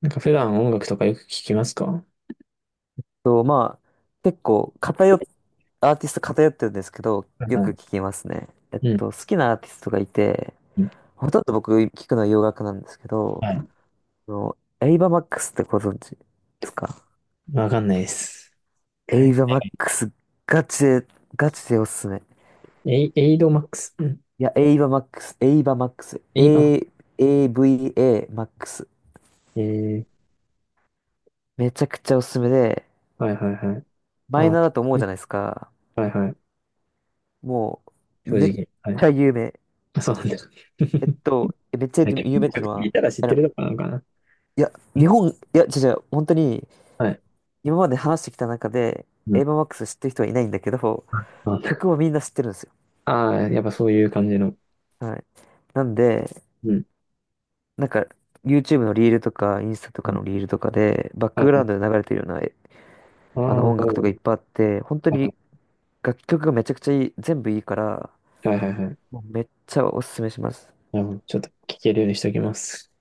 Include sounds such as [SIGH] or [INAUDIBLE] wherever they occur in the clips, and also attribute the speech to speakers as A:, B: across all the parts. A: なんか普段音楽とかよく聞きますか？は
B: と、まあ、結構アーティスト偏ってるんですけど、
A: い
B: よ
A: は
B: く
A: い。
B: 聞きますね。
A: うん。
B: 好きなアーティストがいて、
A: うん。
B: ほとんど僕聞くのは洋楽なんですけど、
A: はい。
B: エイバーマックスってご存知ですか？
A: わかんないです。は
B: エイ
A: い。
B: バーマックス、ガチで、ガチでおすすめ。
A: エイドマックス。うん。
B: いや、エイバーマックス、エイバーマックス、
A: エイバ
B: A、AVA マックス。
A: ー。
B: めちゃくちゃおすすめで、
A: はいはいはい。
B: マイ
A: あ、
B: ナーだと思うじゃないですか。
A: はいはい。
B: も
A: 正
B: めっ
A: 直。は
B: ち
A: い。
B: ゃ有名。
A: あ、そうなんだ。[LAUGHS]
B: めっちゃ
A: はい。結構
B: 有名っての
A: 聞
B: は、
A: いたら知っ
B: あ
A: て
B: の
A: るとかなのかな。
B: いや、違う違う、本当に、
A: はい。
B: 今まで話してきた中で、
A: う
B: エイ
A: ん。
B: バーマックス知ってる人はいないんだけど、曲はみんな知ってるんですよ。
A: ああー、やっぱそういう感じの。
B: はい。なんで、
A: うん。
B: なんか、YouTube のリールとか、インスタと
A: う
B: か
A: ん。
B: のリールとかで、バッ
A: は
B: ク
A: い
B: グ
A: は
B: ラウン
A: い。
B: ドで流れてるような、え
A: あ
B: あ
A: あ、な
B: の、
A: る
B: 音楽と
A: ほ
B: かいっ
A: ど。
B: ぱいあって、本当
A: は
B: に
A: い
B: 楽曲がめちゃくちゃいい、全部いいから、
A: はいはいはい。
B: もうめっちゃおすすめします。
A: なるほど。ちょっと聞けるようにしておきます。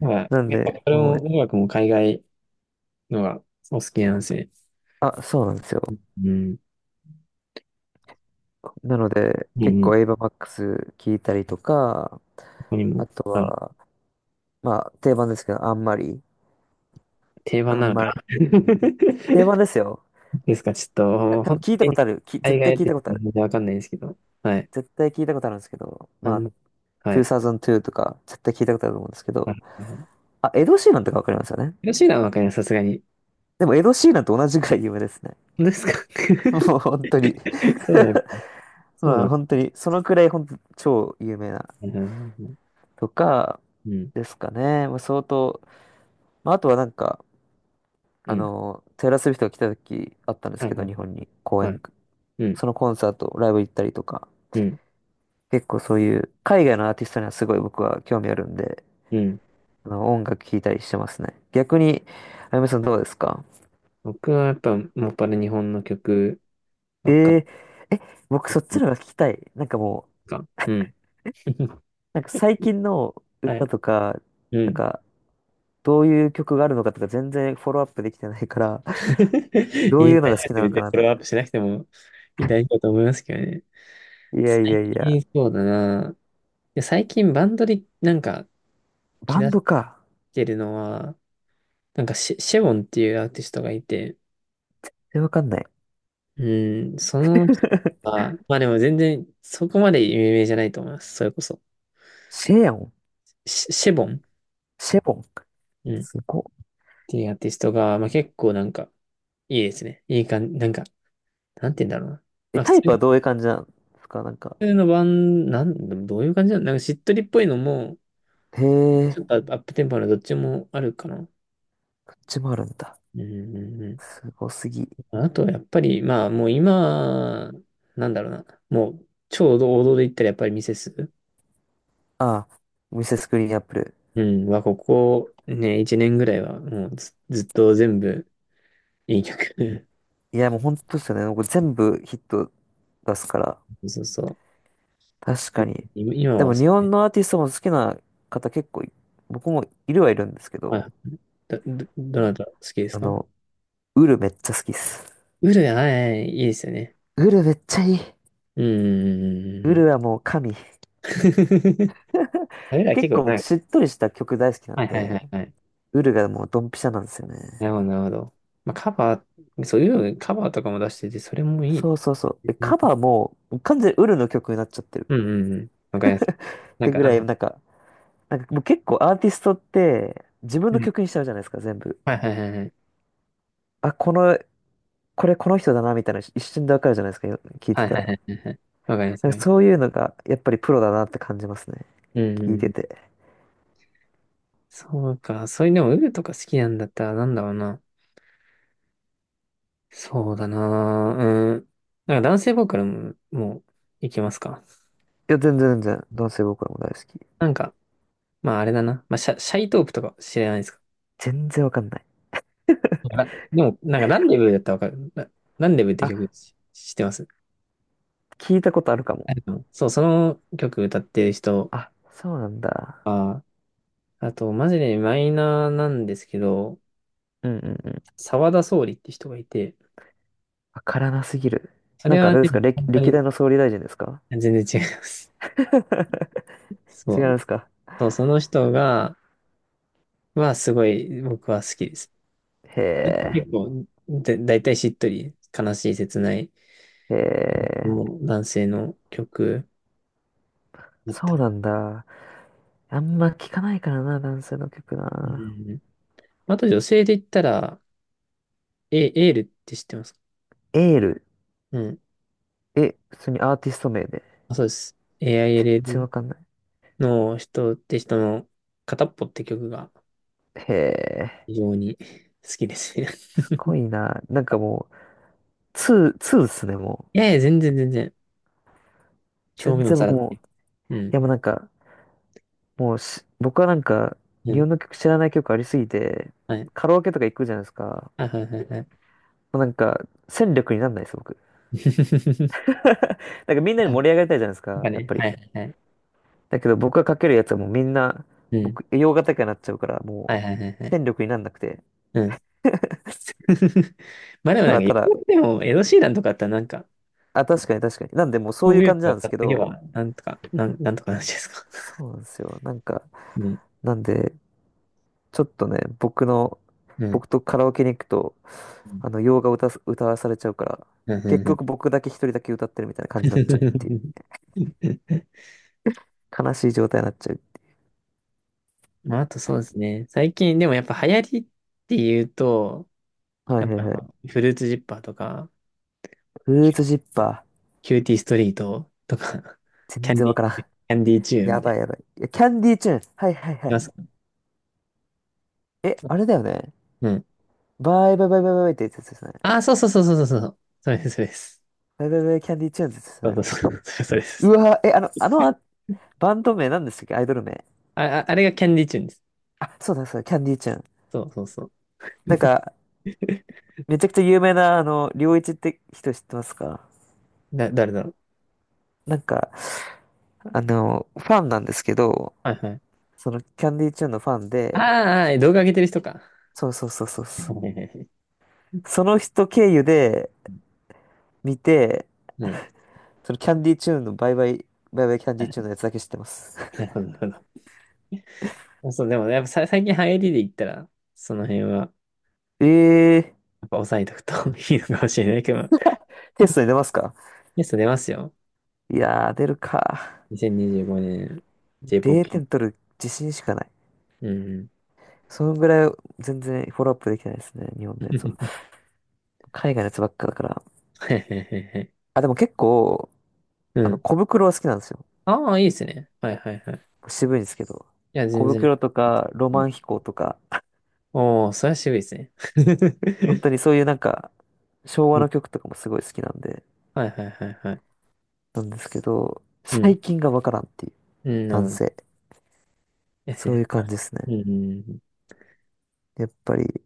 A: は
B: なん
A: い。やっぱ
B: で、
A: これ
B: も
A: も
B: う、
A: 音楽も海外のがお好きなんですね。
B: あ、そうなんですよ。
A: うん。
B: なので、
A: う
B: 結
A: ん、
B: 構エイバーマックス聞いたりとか、
A: 他にも、
B: あと
A: はい、
B: は、まあ、定番ですけど、あんまり、
A: 定番
B: あ
A: なの
B: ん
A: か
B: ま
A: な？
B: り。定
A: [LAUGHS]
B: 番ですよ。
A: ですか、ちょっ
B: あ
A: と、
B: 多分
A: 本
B: 聞い
A: 当
B: たこ
A: に、
B: とある。絶
A: 海
B: 対
A: 外
B: 聞い
A: で
B: たことあ
A: 全
B: る。
A: 然わかんないですけど。はい。
B: 絶対聞いたことあるんですけど、
A: あ
B: ま
A: ん
B: あ、
A: ま、はい。
B: 2002とか、絶対聞いたことあると思うんですけ
A: は
B: ど、
A: い。はい。
B: あ、エド・シーランとかわかりますよね。
A: 広島はわかります、さすがに。
B: でも、エド・シーランと同じくらい有名ですね。
A: 本当ですか？
B: [LAUGHS] もう、本当に。
A: [LAUGHS] そうなのか。
B: [LAUGHS]
A: そう
B: ま
A: な
B: あ、
A: のか。
B: 本当に、そのくらい、本当超有名な、とか、
A: うん。
B: ですかね。まあ、相当、まあ、あとはなんか、
A: うん。
B: テイラー・スウィフトが来た時あったんです
A: はい。
B: け
A: は
B: ど、
A: い。
B: 日本に、公
A: はい。
B: 演、
A: うん。
B: そのコンサート、ライブ行ったりとか、
A: うん。
B: 結構そういう海外のアーティストにはすごい僕は興味あるんで、
A: うん。
B: あの音楽聴いたりしてますね。逆に、あやめさんどうですか？
A: 僕はやっぱ、もっぱら日本の曲
B: え
A: ば
B: ー、
A: っか
B: え、僕
A: りで
B: そっ
A: す
B: ち
A: ね。
B: の方が聞きたい。なんかもう、
A: なんか、うん。[LAUGHS]
B: なんか最近の
A: はい。
B: 歌とか、
A: う
B: なん
A: ん。
B: かどういう曲があるのかとか全然フォローアップできてないから、
A: [LAUGHS]
B: どう
A: い
B: い
A: い、
B: うの
A: 大
B: が
A: 丈
B: 好
A: 夫っ
B: き
A: て
B: なの
A: 別
B: か
A: に
B: な
A: フ
B: と
A: ォロ
B: 思
A: ーアップ
B: っ
A: しなくてもいい、大丈夫だと思いますけどね。
B: て。いやい
A: 最
B: やいや、
A: 近そうだな。で最近バンドでなんか
B: バ
A: 気
B: ン
A: 出し
B: ドか。
A: てるのは、なんかシェウォンっていうアーティストがいて、
B: え、わかんない。
A: うん、その人
B: [LAUGHS]
A: は、まあでも全然そこまで有名じゃないと思います。それこそ。
B: シェヨン、
A: シェボン、
B: シェボン。
A: うん、っ
B: すごっ。
A: ていうアーティストが、まあ結構なんかいいですね。いい感じ、なんか、なんて言うんだろうな。
B: え、
A: まあ普
B: タイプはどういう感じなんですか？なんか。
A: 通のバン、なん、どういう感じなのなんかしっとりっぽいのも、
B: へ
A: ち
B: え、
A: ょっとアップテンポのどっちもあるかな。
B: こっちもあるんだ。
A: うんうんう
B: すごすぎ。
A: ん。あとはやっぱり、まあもう今、なんだろうな。もう超王道で言ったらやっぱりミセス。
B: ああ、ミセスグリーンアップル。
A: うん。は、ここね、1年ぐらいはもうずっと全部いい曲。
B: いや、もう本当ですよね。これ全部ヒット出すから。
A: [LAUGHS] そうそう。
B: 確かに。
A: 今
B: で
A: は
B: も
A: そ
B: 日
A: うね。
B: 本のアーティストも好きな方結構い、僕もいるはいるんですけ
A: あ、
B: ど、
A: どなた好きです
B: あ
A: か？
B: の、ウルめっちゃ好きっす。
A: ウルやはい、いいですよね。
B: ウルめっちゃいい。
A: うん
B: ウ
A: う
B: ル
A: ん
B: はもう神。
A: うんうんうん。[LAUGHS] あれら
B: 結
A: 結構、
B: 構
A: は
B: 僕
A: い
B: しっとりした曲大好きな
A: は
B: ん
A: いはいは
B: で、
A: いはい。
B: ウルがもうドンピシャなんですよね。
A: なるほど、なるほど。まあ、カバー、そういうカバーとかも出してて、それもい
B: そ
A: い。
B: うそうそう。えカバーも完全にウルの曲になっちゃってる。
A: うんうんうん。わかります。
B: っ
A: なん
B: てぐ
A: か、
B: らい、なんか、なんかもう結構アーティストって自分
A: う
B: の
A: ん。
B: 曲にしちゃうじゃないですか、全部。
A: はいはいはいはい。
B: あ、この、これこの人だなみたいなの一瞬でわかるじゃないですか、よ聞い
A: は
B: て
A: い
B: た
A: はいは
B: ら。
A: いはいはい。わかります。わ
B: なん
A: か
B: か
A: ります。
B: そういうのがやっぱりプロだなって感じますね。
A: うんうん
B: 聞い
A: う
B: て
A: ん。
B: て。
A: そうか。そういう、でも、ウルとか好きなんだったら、なんだろうな。そうだな。うん。なんか男性ボーカルも、もう、いけますか？
B: いや、全然全然、男性ボーカルも大好き。
A: なんか、まああれだな。まあ、シャイトープとか知らないですか？
B: 全然わかんない。
A: あ、でも、なんか、ランデブーだったらわかる。ランデブーって
B: あ、
A: 曲し知ってます？
B: 聞いたことあるかも。
A: うん。そう、その曲歌ってる人
B: あ、そうなんだ。
A: は、あと、マジでマイナーなんですけど、
B: うんうんうん。
A: 沢田総理って人がいて、
B: わからなすぎる。
A: そ
B: な
A: れ
B: んかあ
A: は
B: れですか、
A: ね、本当
B: 歴
A: に
B: 代の総理大臣ですか？
A: 全然違います。
B: [LAUGHS]
A: そ
B: 違うんで
A: う、
B: すか？
A: そう、その人が、はすごい僕は好きです。
B: へ
A: 結構、だいたいしっとり、悲しい、切ない
B: え、へえ、
A: の男性の曲だった
B: そう
A: り。
B: なんだ。あんま聞かないからな、男性の曲
A: う
B: な。
A: ん。あと女性で言ったら、エールって知ってますか？
B: エール。
A: うん。
B: え、普通にアーティスト名で。
A: あ、そうです。
B: 全然
A: AILL
B: わかんない。
A: の人って人の片っぽって曲が
B: へえ、
A: 非常に好きですね。[LAUGHS]
B: すごいな。なんかもう、ツーっすね、も
A: いやい
B: う。
A: や、全然全然。表
B: 全
A: 面を
B: 然
A: さら
B: 僕
A: っ
B: も。
A: て。
B: い
A: うん。
B: や、もうなんか、もうし、僕はなんか、
A: う
B: 日
A: ん。
B: 本の曲知らない曲ありすぎて、
A: はい。
B: カラオケとか行くじゃないですか。
A: あ、はいはいはい。
B: もうなんか、戦力になんないです、僕。
A: [LAUGHS]
B: [LAUGHS] なんかみんなに
A: あな
B: 盛り上がりたいじゃないです
A: んか
B: か、やっ
A: ね、
B: ぱり。
A: はいはいはい。
B: だけど僕がかけるやつはもうみんな、
A: うん。
B: 僕、洋楽とかになっちゃうから、
A: は
B: も
A: い
B: う、
A: はいはいはい。
B: 戦力になんなくて、
A: うん。[LAUGHS] まあでも
B: た
A: なんか、
B: だ
A: 言
B: ただ
A: っても、エド・シーランとかだったらなんか、
B: あ、確かに確かに。なんで、もう
A: こ
B: そうい
A: う
B: う
A: いう
B: 感じ
A: の
B: な
A: を
B: んで
A: 買
B: すけ
A: っていけ
B: ど、
A: ば、なんとか、なんとかなるじゃないですか。
B: そ
A: [LAUGHS]
B: うなんですよ。なんか、
A: うん。
B: なんで、ちょっとね、
A: うん。
B: 僕とカラオケに行くと、
A: う
B: 洋画歌わされちゃうから、
A: ん。う
B: 結
A: ん。うん。
B: 局僕だけ一人だけ歌ってるみたいな感じになっちゃうっていう。
A: [LAUGHS]
B: 悲しい状態になっちゃう。
A: まあ、あとそうですね。最近、でもやっぱ流行りっていうと、
B: は
A: や
B: い
A: っ
B: はい
A: ぱ、
B: はい。
A: フルーツジッパーとか、
B: フルー
A: キ
B: ツジ
A: ュ
B: ッパ
A: キューティーストリートとか、
B: ー。
A: [LAUGHS] キャ
B: 全
A: ン
B: 然
A: ディ
B: わからん。
A: ー、キャンディーチューン
B: や
A: みた
B: ば
A: い
B: いやばい。いや、キャンディーチューン。はいはいは
A: な。
B: い。
A: いますか？
B: え、あれだよね。
A: うん。
B: バイバイバイバイバイってやつですね。
A: ああ、そうそうそうそうそうそう。それです、それです。
B: バイバイバイキャンディーチューンってやつです
A: そう
B: ね。
A: そうそう。それ、それで
B: う
A: す。
B: わ、え、あの、あの、あバンド名なんでしたっけ？アイドル名。
A: あ、あ、あれがキャンディーチューンです。
B: あ、そうだそうだ、キャンディーちゃん。
A: そうそうそう。
B: なんか、めちゃくちゃ有名な、良一って人知ってますか？
A: 誰だろう。
B: なんか、ファンなんですけど、
A: はいはい。
B: その、キャンディーちゃんのファン
A: あ
B: で、
A: あ、ああ、動画上げてる人か。
B: そうそうそうそう
A: [LAUGHS]
B: そう。
A: はいはいはい。
B: その人経由で見て、
A: うん。
B: そのキャンディーチューンのバイバイ、バイバイキャンディー
A: な
B: チューンのやつだけ知ってます。
A: るほど、なるほど。そう、でも、やっぱさ最近流行りで言ったら、その辺は、やっ
B: [LAUGHS] えー、
A: ぱ抑えとくと [LAUGHS] いいのかもしれないけど、
B: [LAUGHS] テストに出ますか？
A: ゲスト出ますよ。
B: いやー、出るか。
A: 2025年、j ポ o
B: 0
A: p。
B: 点取る自信しかない。
A: うん。
B: そのぐらい全然フォローアップできないですね、日本のやつは。
A: [LAUGHS]
B: 海外のやつばっかだから。
A: はいはいはいはい。
B: あ、でも結構、
A: [LAUGHS] うん。
B: 小袋は好きなんですよ。
A: ああ、いいですね。はいはいはい。
B: 渋いんですけど。
A: いや、
B: 小
A: 全然。
B: 袋とか、ロマ
A: お
B: ン飛行とか、
A: おー、それは渋いですね。
B: 本当
A: [LAUGHS]
B: にそういうなんか、昭
A: う
B: 和
A: ん。
B: の曲とかもすごい好きなんで、
A: はいはいはいはい。
B: なんですけど、
A: う
B: 最
A: ん。
B: 近がわからんってい
A: うん、
B: う、
A: な
B: な
A: る
B: ん
A: ほど。
B: せ。
A: です
B: そう
A: ね。
B: いう感じですね。
A: うん。
B: やっぱり、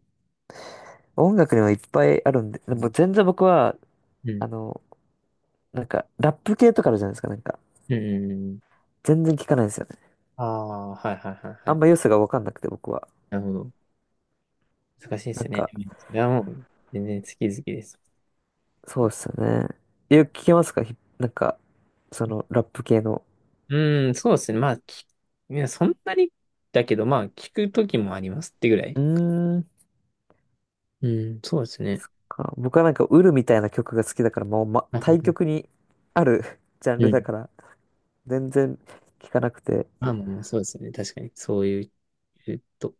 B: 音楽にはいっぱいあるんで、
A: う
B: でも
A: ん。
B: 全然僕は、
A: うん。
B: あの、ラップ系とかあるじゃないですか、なんか。
A: うん。
B: 全然聞かないんですよね。
A: ああー、はいはいはいは
B: あん
A: い。
B: ま良さがわかんなくて、僕は。
A: なるほど。難しいで
B: な
A: す
B: ん
A: ね。
B: か、
A: それはもう、全然好き好きです。
B: そうっすよね。よく聞けますかひなんか、その、ラップ系の。
A: うん、そうですね。まあ、いや、そんなにだけど、まあ、聞くときもありますってぐら
B: う
A: い。
B: ーん。
A: うん、そうですね。
B: か僕はなんか、ウルみたいな曲が好きだから、もう、ま、
A: う
B: 対
A: ん。
B: 極にある [LAUGHS] ジャン
A: う
B: ルだ
A: ん。
B: から、全然聞かなくて。
A: まあまあまあ、そうですね。確かに。そういう、えっと。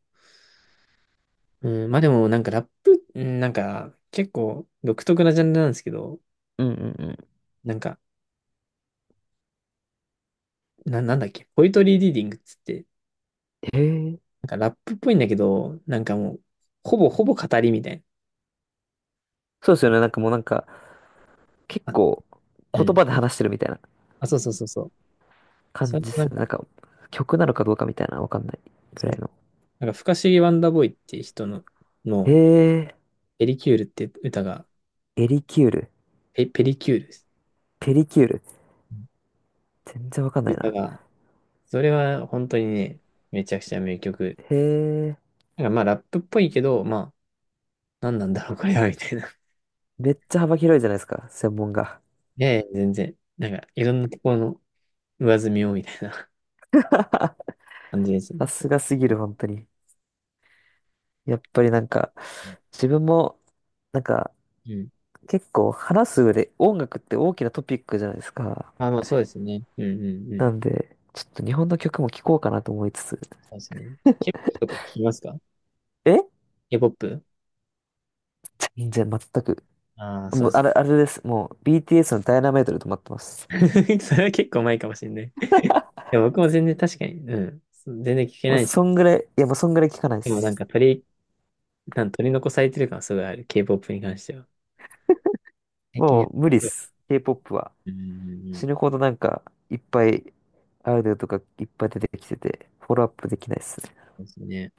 A: うん、まあでも、なんかラップ、うんなんか、結構独特なジャンルなんですけど、
B: うんうん
A: なんか、なんだっけ、ポイトリーリーディングっつって、
B: うん。へえ。
A: なんかラップっぽいんだけど、なんかもう、ほぼほぼ語りみたい
B: そうですよね。なんかもうなんか、結
A: な。あ、
B: 構、
A: う
B: 言
A: ん。
B: 葉で話してるみたいな
A: あ、そうそうそうそう。そ
B: 感
A: れ
B: じ
A: と
B: で
A: な
B: す
A: ん
B: よね。
A: か、
B: なんか、曲なのかどうかみたいな、わかんないぐ
A: そ
B: ら
A: う。
B: いの。
A: なんか、不可思議ワンダーボーイっていう人の、
B: へ
A: の、
B: え。
A: ペリキュールって歌が、
B: エリキュール。
A: ペリキュールです。
B: ペリキュール。
A: うん。
B: 全然わかんない
A: 歌
B: な。
A: が、それは本当にね、めちゃくちゃ名曲。
B: へえ。
A: なんかまあラップっぽいけど、まあ、何なんだろう、[LAUGHS] これは、みたいな。
B: めっちゃ幅広いじゃないですか、専門が。
A: [LAUGHS] いやいや、全然。なんか、いろんなところの上積みを、みたいな
B: [LAUGHS]
A: [LAUGHS] 感じですね。
B: さすがすぎる、本当に。やっぱりなんか、自分も、なんか、
A: うん。
B: 結構話す上で音楽って大きなトピックじゃないですか。
A: あ、まあ、そうですね。うんうんうん。
B: なんで、ちょっと日本の曲も聴こうかなと思いつつ。
A: そうですね。K-POP とか聞きますか？
B: え
A: K-POP？
B: じゃ、全く。
A: ああー、そう
B: もう、
A: で
B: あ
A: す。
B: れ、あれです。もう、BTS のダイナマイトで止まってます。
A: [LAUGHS] それは結構前かもしれない。いや、僕も全然確かに、うん。そう全然聞け
B: もう、
A: ないし、
B: そんぐらい、いや、もうそんぐらい聴かないで
A: でもなん
B: す。
A: か取り残されてる感すごいある。K-POP に関しては。最近や
B: も
A: っ
B: う、無理っ
A: ぱり、
B: す。K-POP は。
A: うんうんうん。
B: 死ぬほどなんか、いっぱい、アイドルとかいっぱい出てきてて、フォローアップできないっす。
A: そうですね。